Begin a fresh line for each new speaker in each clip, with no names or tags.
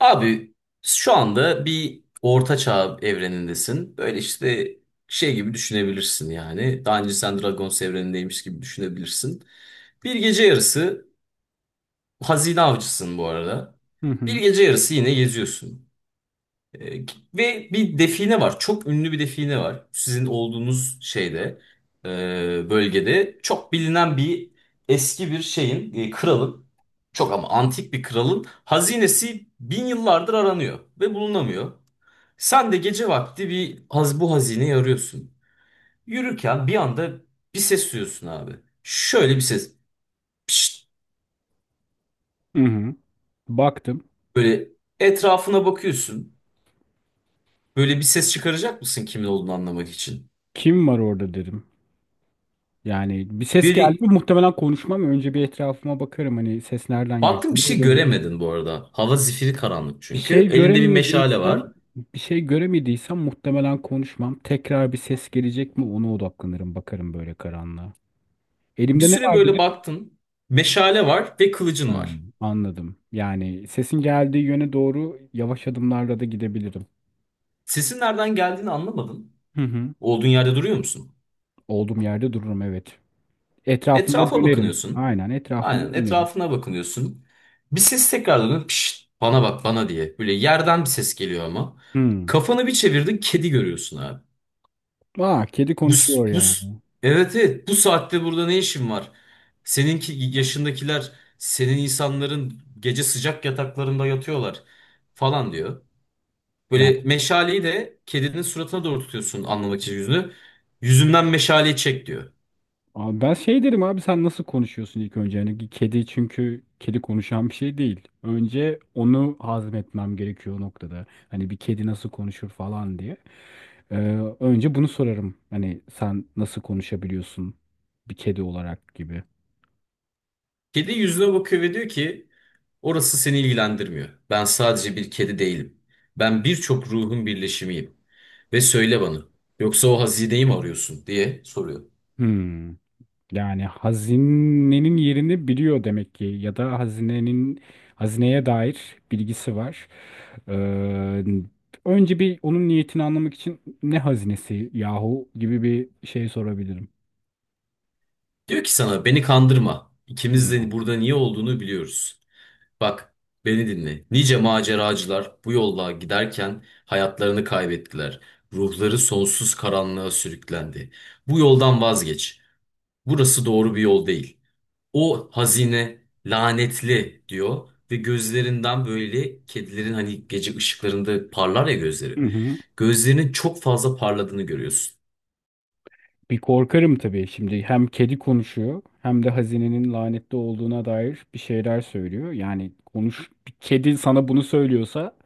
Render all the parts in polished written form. Abi şu anda bir orta çağ evrenindesin. Böyle işte şey gibi düşünebilirsin yani. Daha önce sen Dragons evrenindeymiş gibi düşünebilirsin. Bir gece yarısı hazine avcısın bu arada.
Hı
Bir
hı.
gece yarısı yine geziyorsun. E, Ve bir define var. Çok ünlü bir define var. Sizin olduğunuz şeyde, e, bölgede çok bilinen bir eski bir şeyin, kralın, çok ama antik bir kralın hazinesi bin yıllardır aranıyor ve bulunamıyor. Sen de gece vakti bir haz bu hazineyi arıyorsun. Yürürken bir anda bir ses duyuyorsun abi. Şöyle bir ses. Pişt,
Hı hı. Baktım.
böyle etrafına bakıyorsun. Böyle bir ses çıkaracak mısın kimin olduğunu anlamak için?
Kim var orada dedim. Yani bir ses geldi mi
Biri
muhtemelen konuşmam. Önce bir etrafıma bakarım hani ses nereden geliyor.
Baktım bir
Buraya
şey
dönerim.
göremedin bu arada. Hava zifiri karanlık
Bir şey
çünkü. Elinde bir meşale
göremediysem
var.
bir şey göremediysem muhtemelen konuşmam. Tekrar bir ses gelecek mi ona odaklanırım. Bakarım böyle karanlığa.
Bir
Elimde ne
süre
var
böyle
dedim.
baktın. Meşale var ve kılıcın
Ha,
var.
anladım. Yani sesin geldiği yöne doğru yavaş adımlarla da gidebilirim.
Sesin nereden geldiğini anlamadın.
Hı hı.
Olduğun yerde duruyor musun?
Olduğum yerde dururum, evet. Etrafımda
Etrafa
dönerim.
bakınıyorsun.
Aynen
Aynen
etrafımda dönerim.
etrafına bakınıyorsun. Bir ses tekrar dönüyor. Pişt, bana bak bana diye. Böyle yerden bir ses geliyor ama.
Hı.
Kafanı bir çevirdin kedi görüyorsun abi.
Aa, kedi
Bu, s-
konuşuyor
bu, s-
yani.
evet evet bu saatte burada ne işin var? Seninki yaşındakiler senin insanların gece sıcak yataklarında yatıyorlar falan diyor.
Yani
Böyle meşaleyi de kedinin suratına doğru tutuyorsun anlamak için yüzünü. Yüzümden meşaleyi çek diyor.
abi ben şey derim, abi sen nasıl konuşuyorsun ilk önce? Yani kedi, çünkü kedi konuşan bir şey değil. Önce onu hazmetmem gerekiyor o noktada. Hani bir kedi nasıl konuşur falan diye. Ee, Önce bunu sorarım. Hani sen nasıl konuşabiliyorsun bir kedi olarak gibi.
Kedi yüzüne bakıyor ve diyor ki orası seni ilgilendirmiyor. Ben sadece bir kedi değilim. Ben birçok ruhun birleşimiyim. Ve söyle bana yoksa o hazineyi mi arıyorsun diye soruyor.
Hmm. Yani hazinenin yerini biliyor demek ki, ya da hazineye dair bilgisi var. Ee, Önce bir onun niyetini anlamak için ne hazinesi yahu gibi bir şey sorabilirim.
Diyor ki sana beni kandırma. İkimiz de
Hmm.
burada niye olduğunu biliyoruz. Bak beni dinle. Nice maceracılar bu yolla giderken hayatlarını kaybettiler. Ruhları sonsuz karanlığa sürüklendi. Bu yoldan vazgeç. Burası doğru bir yol değil. O hazine lanetli diyor ve gözlerinden böyle kedilerin hani gece ışıklarında parlar ya gözleri.
Hı hı.
Gözlerinin çok fazla parladığını görüyorsun.
Bir korkarım tabii, şimdi hem kedi konuşuyor hem de hazinenin lanetli olduğuna dair bir şeyler söylüyor. Yani konuş, bir kedi sana bunu söylüyorsa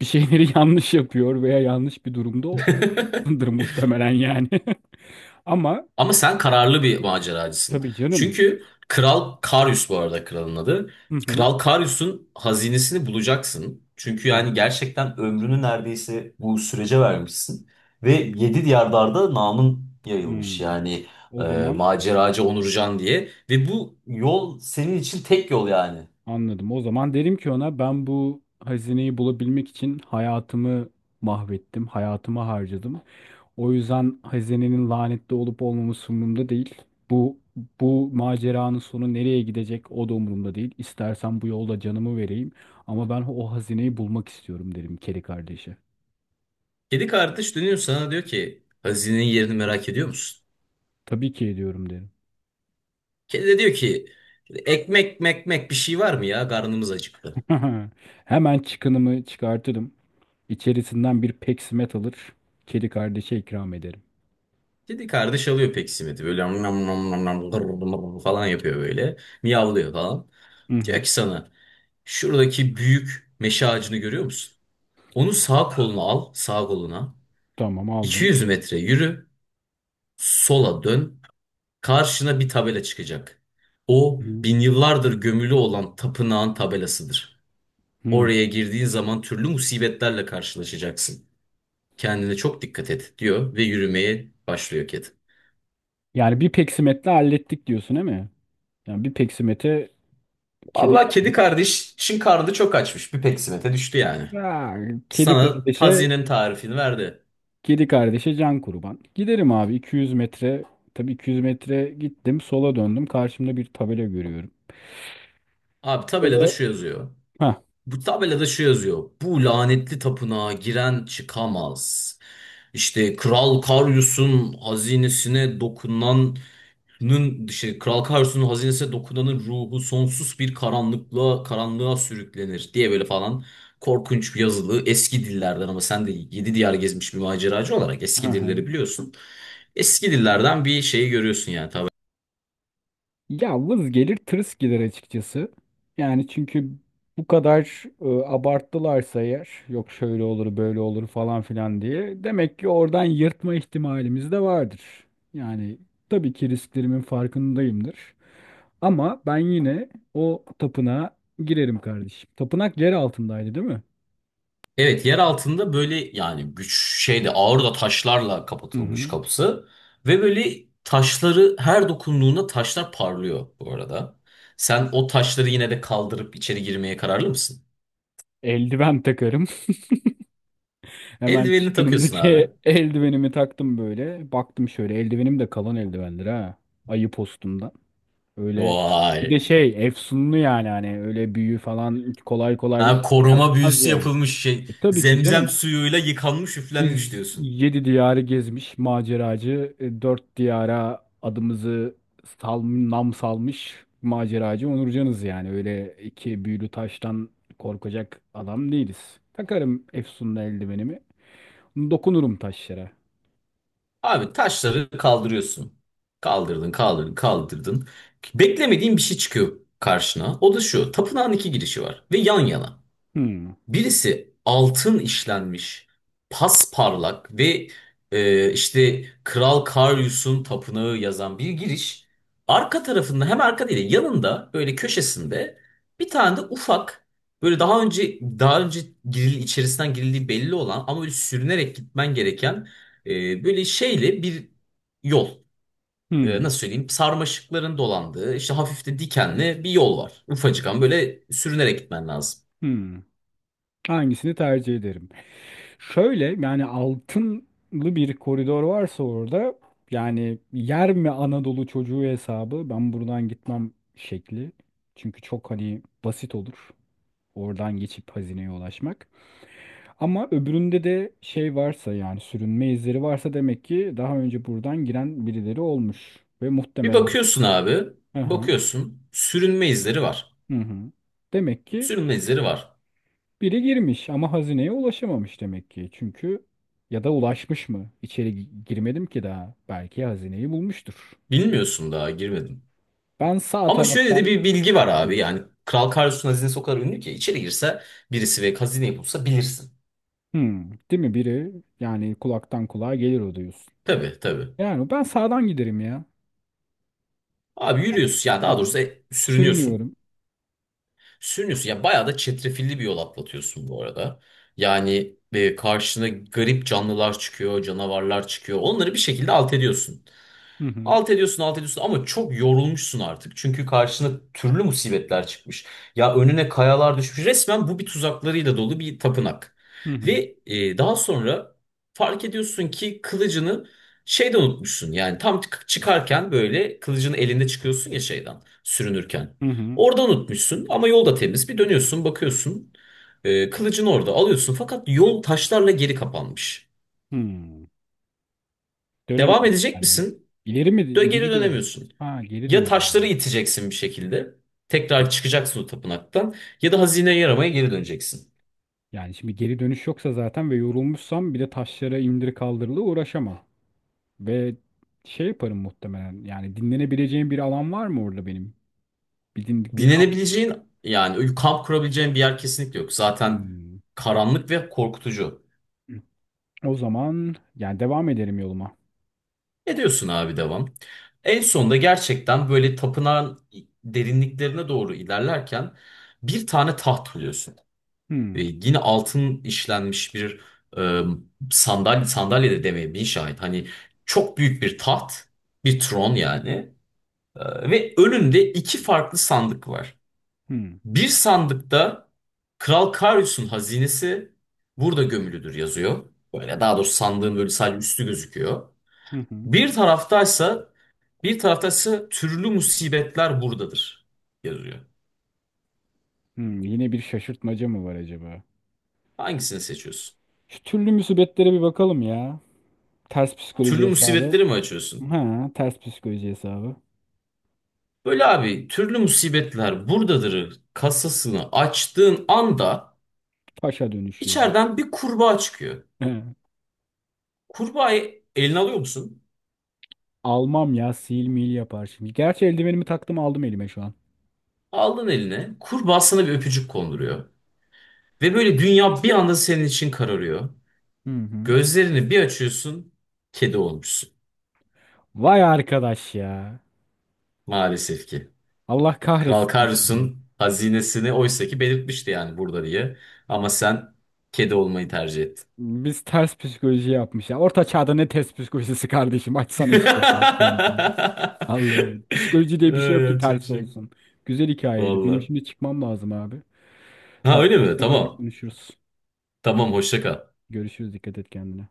bir şeyleri yanlış yapıyor veya yanlış bir durumda durumdadır muhtemelen yani. Ama
Ama sen kararlı bir maceracısın.
tabii canım.
Çünkü Kral Karyus bu arada kralın adı.
Hı hı.
Kral Karyus'un hazinesini bulacaksın. Çünkü
Hı hı.
yani gerçekten ömrünü neredeyse bu sürece vermişsin. Ve yedi diyarlarda namın
Hı.
yayılmış yani
O zaman
maceracı Onurcan diye. Ve bu yol senin için tek yol yani.
anladım. O zaman derim ki ona, ben bu hazineyi bulabilmek için hayatımı mahvettim, hayatımı harcadım. O yüzden hazinenin lanetli olup olmaması umurumda değil. Bu Bu maceranın sonu nereye gidecek o da umurumda değil. İstersen bu yolda canımı vereyim, ama ben o hazineyi bulmak istiyorum derim kedi kardeşe.
Kedi kardeş dönüyor sana diyor ki hazinenin yerini merak ediyor musun?
Tabii ki ediyorum derim.
Kedi de diyor ki ekmek mekmek bir şey var mı ya karnımız acıktı.
Hemen çıkınımı çıkartırım. İçerisinden bir peksimet alır. Kedi kardeşe ikram ederim.
Kedi kardeş alıyor peksimet'i böyle nam nam nam nam nam gır gır falan yapıyor böyle. Miyavlıyor falan.
Hı hı.
Diyor ki sana şuradaki büyük meşe ağacını görüyor musun? Onu sağ koluna al sağ koluna.
Tamam, aldım.
200 metre yürü sola dön. Karşına bir tabela çıkacak. O
Hı
bin yıllardır gömülü olan tapınağın tabelasıdır.
hı.
Oraya girdiğin zaman türlü musibetlerle karşılaşacaksın. Kendine çok dikkat et diyor ve yürümeye başlıyor kedi.
Yani bir peksimetle hallettik diyorsun değil mi? Yani bir peksimete kedi
Vallahi kedi
kardeş.
kardeşin karnı çok açmış. Bir peksimete düştü yani.
Ya, kedi
Sana
kardeşe
tazinin tarifini verdi.
kedi kardeşe can kurban. Giderim abi 200 metre. Tabii 200 metre gittim. Sola döndüm. Karşımda bir tabela görüyorum.
Abi tabelada
Böyle...
şu yazıyor.
Hah.
Bu tabelada şu yazıyor. Bu lanetli tapınağa giren çıkamaz. İşte Kral Karyus'un hazinesine dokunan işte Kral Karsu'nun hazinesine dokunanın ruhu sonsuz bir karanlığa sürüklenir diye böyle falan korkunç bir yazılı eski dillerden ama sen de yedi diyar gezmiş bir maceracı olarak
Hı
eski dilleri
hı.
biliyorsun. Eski dillerden bir şeyi görüyorsun yani tabii.
Ya vız gelir tırıs gelir açıkçası. Yani çünkü bu kadar abarttılarsa eğer, yok şöyle olur böyle olur falan filan diye, demek ki oradan yırtma ihtimalimiz de vardır. Yani tabii ki risklerimin farkındayımdır. Ama ben yine o tapınağa girerim kardeşim. Tapınak yer altındaydı değil mi?
Evet yer altında böyle yani güç şeyde ağır da taşlarla
Hı
kapatılmış
hı.
kapısı ve böyle taşları her dokunduğunda taşlar parlıyor bu arada. Sen o taşları yine de kaldırıp içeri girmeye kararlı mısın?
Eldiven takarım. Hemen
Eldivenini takıyorsun
çıkınımdaki
abi.
eldivenimi taktım böyle. Baktım, şöyle eldivenim de kalın eldivendir ha. Ayı postumdan. Öyle bir de
Vay.
şey, efsunlu yani, hani öyle büyü falan kolay kolay
Ha,
şey
koruma
yapmaz
büyüsü
yani.
yapılmış şey.
Tabii ki
Zemzem
canım.
suyuyla yıkanmış, üflenmiş
Biz
diyorsun.
yedi diyarı gezmiş maceracı, dört diyara adımızı nam salmış maceracı Onurcanız yani. Öyle iki büyülü taştan korkacak adam değiliz. Takarım efsunlu eldivenimi. Dokunurum taşlara.
Abi taşları kaldırıyorsun. Kaldırdın, kaldırdın, kaldırdın. Beklemediğin bir şey çıkıyor karşına. O da şu. Tapınağın iki girişi var ve yan yana.
Hmm.
Birisi altın işlenmiş, pasparlak ve işte Kral Karyus'un tapınağı yazan bir giriş. Arka tarafında hem arka değil de yanında böyle köşesinde bir tane de ufak böyle daha önce içerisinden girildiği belli olan ama böyle sürünerek gitmen gereken böyle şeyle bir yol.
Hmm.
Nasıl söyleyeyim sarmaşıkların dolandığı işte hafif de dikenli bir yol var. Ufacık ama böyle sürünerek gitmen lazım.
Hmm. Hangisini tercih ederim? Şöyle, yani altınlı bir koridor varsa orada, yani yer mi Anadolu çocuğu hesabı, ben buradan gitmem şekli. Çünkü çok hani basit olur oradan geçip hazineye ulaşmak. Ama öbüründe de şey varsa, yani sürünme izleri varsa, demek ki daha önce buradan giren birileri olmuş ve
Bir
muhtemelen.
bakıyorsun abi,
Aha,
bakıyorsun sürünme izleri var.
hı hı. Hı. Demek ki
Sürünme izleri var.
biri girmiş ama hazineye ulaşamamış demek ki. Çünkü, ya da ulaşmış mı? İçeri girmedim ki daha. Belki hazineyi bulmuştur.
Bilmiyorsun daha girmedin.
Ben sağ
Ama şöyle de
taraftan.
bir bilgi var abi yani Kral Karlos'un hazinesi o kadar ünlü ki içeri girse birisi ve hazineyi bulsa bilirsin.
Hmm, değil mi biri? Yani kulaktan kulağa gelir o diyorsun.
Tabii tabii.
Yani ben sağdan giderim ya.
Abi yürüyorsun ya
Hı
daha
hı.
doğrusu sürünüyorsun.
Sürünüyorum.
Sürünüyorsun ya bayağı da çetrefilli bir yol atlatıyorsun bu arada. Yani karşına garip canlılar çıkıyor, canavarlar çıkıyor. Onları bir şekilde alt ediyorsun.
Hı hı.
Alt ediyorsun, alt ediyorsun ama çok yorulmuşsun artık. Çünkü karşına türlü musibetler çıkmış. Ya önüne kayalar düşmüş. Resmen bu bir tuzaklarıyla dolu bir tapınak.
Hı hı.
Ve daha sonra fark ediyorsun ki kılıcını şeyde unutmuşsun. Yani tam çıkarken böyle kılıcını elinde çıkıyorsun ya şeyden sürünürken.
Hı hı.
Orada unutmuşsun ama yol da temiz. Bir dönüyorsun, bakıyorsun. Kılıcını orada alıyorsun fakat yol taşlarla geri kapanmış.
Hmm.
Devam
Dönemiyorum.
edecek
Yani
misin?
ileri mi?
Geri
İleri doğru mu?
dönemiyorsun.
Ha, geri
Ya taşları
dönemiyorum.
iteceksin bir şekilde. Tekrar çıkacaksın o tapınaktan. Ya da hazineye yaramaya geri döneceksin.
Yani şimdi geri dönüş yoksa zaten ve yorulmuşsam, bir de taşlara indir kaldırılı uğraşamam. Ve şey yaparım muhtemelen. Yani dinlenebileceğim bir alan var mı orada benim? Bir dindik bir kamp.
Dinlenebileceğin yani kamp kurabileceğin bir yer kesinlikle yok. Zaten
Hmm.
karanlık ve korkutucu.
O zaman yani devam ederim yoluma.
Ne diyorsun abi devam. En sonunda gerçekten böyle tapınağın derinliklerine doğru ilerlerken bir tane taht buluyorsun. Ve
Hmm.
yine altın işlenmiş bir e, sandalye, sandalye de demeye bin şahit. Hani çok büyük bir taht, bir tron yani. Ve önünde iki farklı sandık var.
Hmm.
Bir sandıkta Kral Karius'un hazinesi burada gömülüdür yazıyor. Böyle daha doğrusu sandığın böyle sadece üstü gözüküyor.
Hı hı.
Bir taraftaysa bir taraftaysa türlü musibetler buradadır yazıyor.
Hmm. Yine bir şaşırtmaca mı var acaba?
Hangisini seçiyorsun?
Şu türlü musibetlere bir bakalım ya. Ters psikoloji
Türlü
hesabı.
musibetleri mi açıyorsun?
Ha, ters psikoloji hesabı.
Böyle abi türlü musibetler buradadır kasasını açtığın anda
Paşa dönüşüyorum.
içeriden bir kurbağa çıkıyor.
He.
Kurbağayı eline alıyor musun?
Almam ya, sil mil yapar şimdi. Gerçi eldivenimi taktım, aldım elime şu an.
Aldın eline, kurbağa sana bir öpücük konduruyor. Ve böyle dünya bir anda senin için kararıyor.
Hı hı.
Gözlerini bir açıyorsun, kedi olmuşsun.
Vay arkadaş ya.
Maalesef ki.
Allah
Kral
kahretsin.
Karus'un hazinesini oysa ki belirtmişti yani burada diye. Ama sen kedi olmayı tercih ettin.
Biz ters psikoloji yapmış ya. Orta çağda ne ters psikolojisi kardeşim? Açsana işte, yani sana diyorum. Allah'ım. Psikoloji diye bir şey
Ay,
yok ki evet,
yapacak bir
ters
şey yok.
olsun. Güzel hikayeydi. Benim
Valla.
şimdi çıkmam lazım abi.
Ha
Daha
öyle
sonra
mi?
tekrar
Tamam.
konuşuruz.
Tamam hoşça kal.
Görüşürüz. Dikkat et kendine.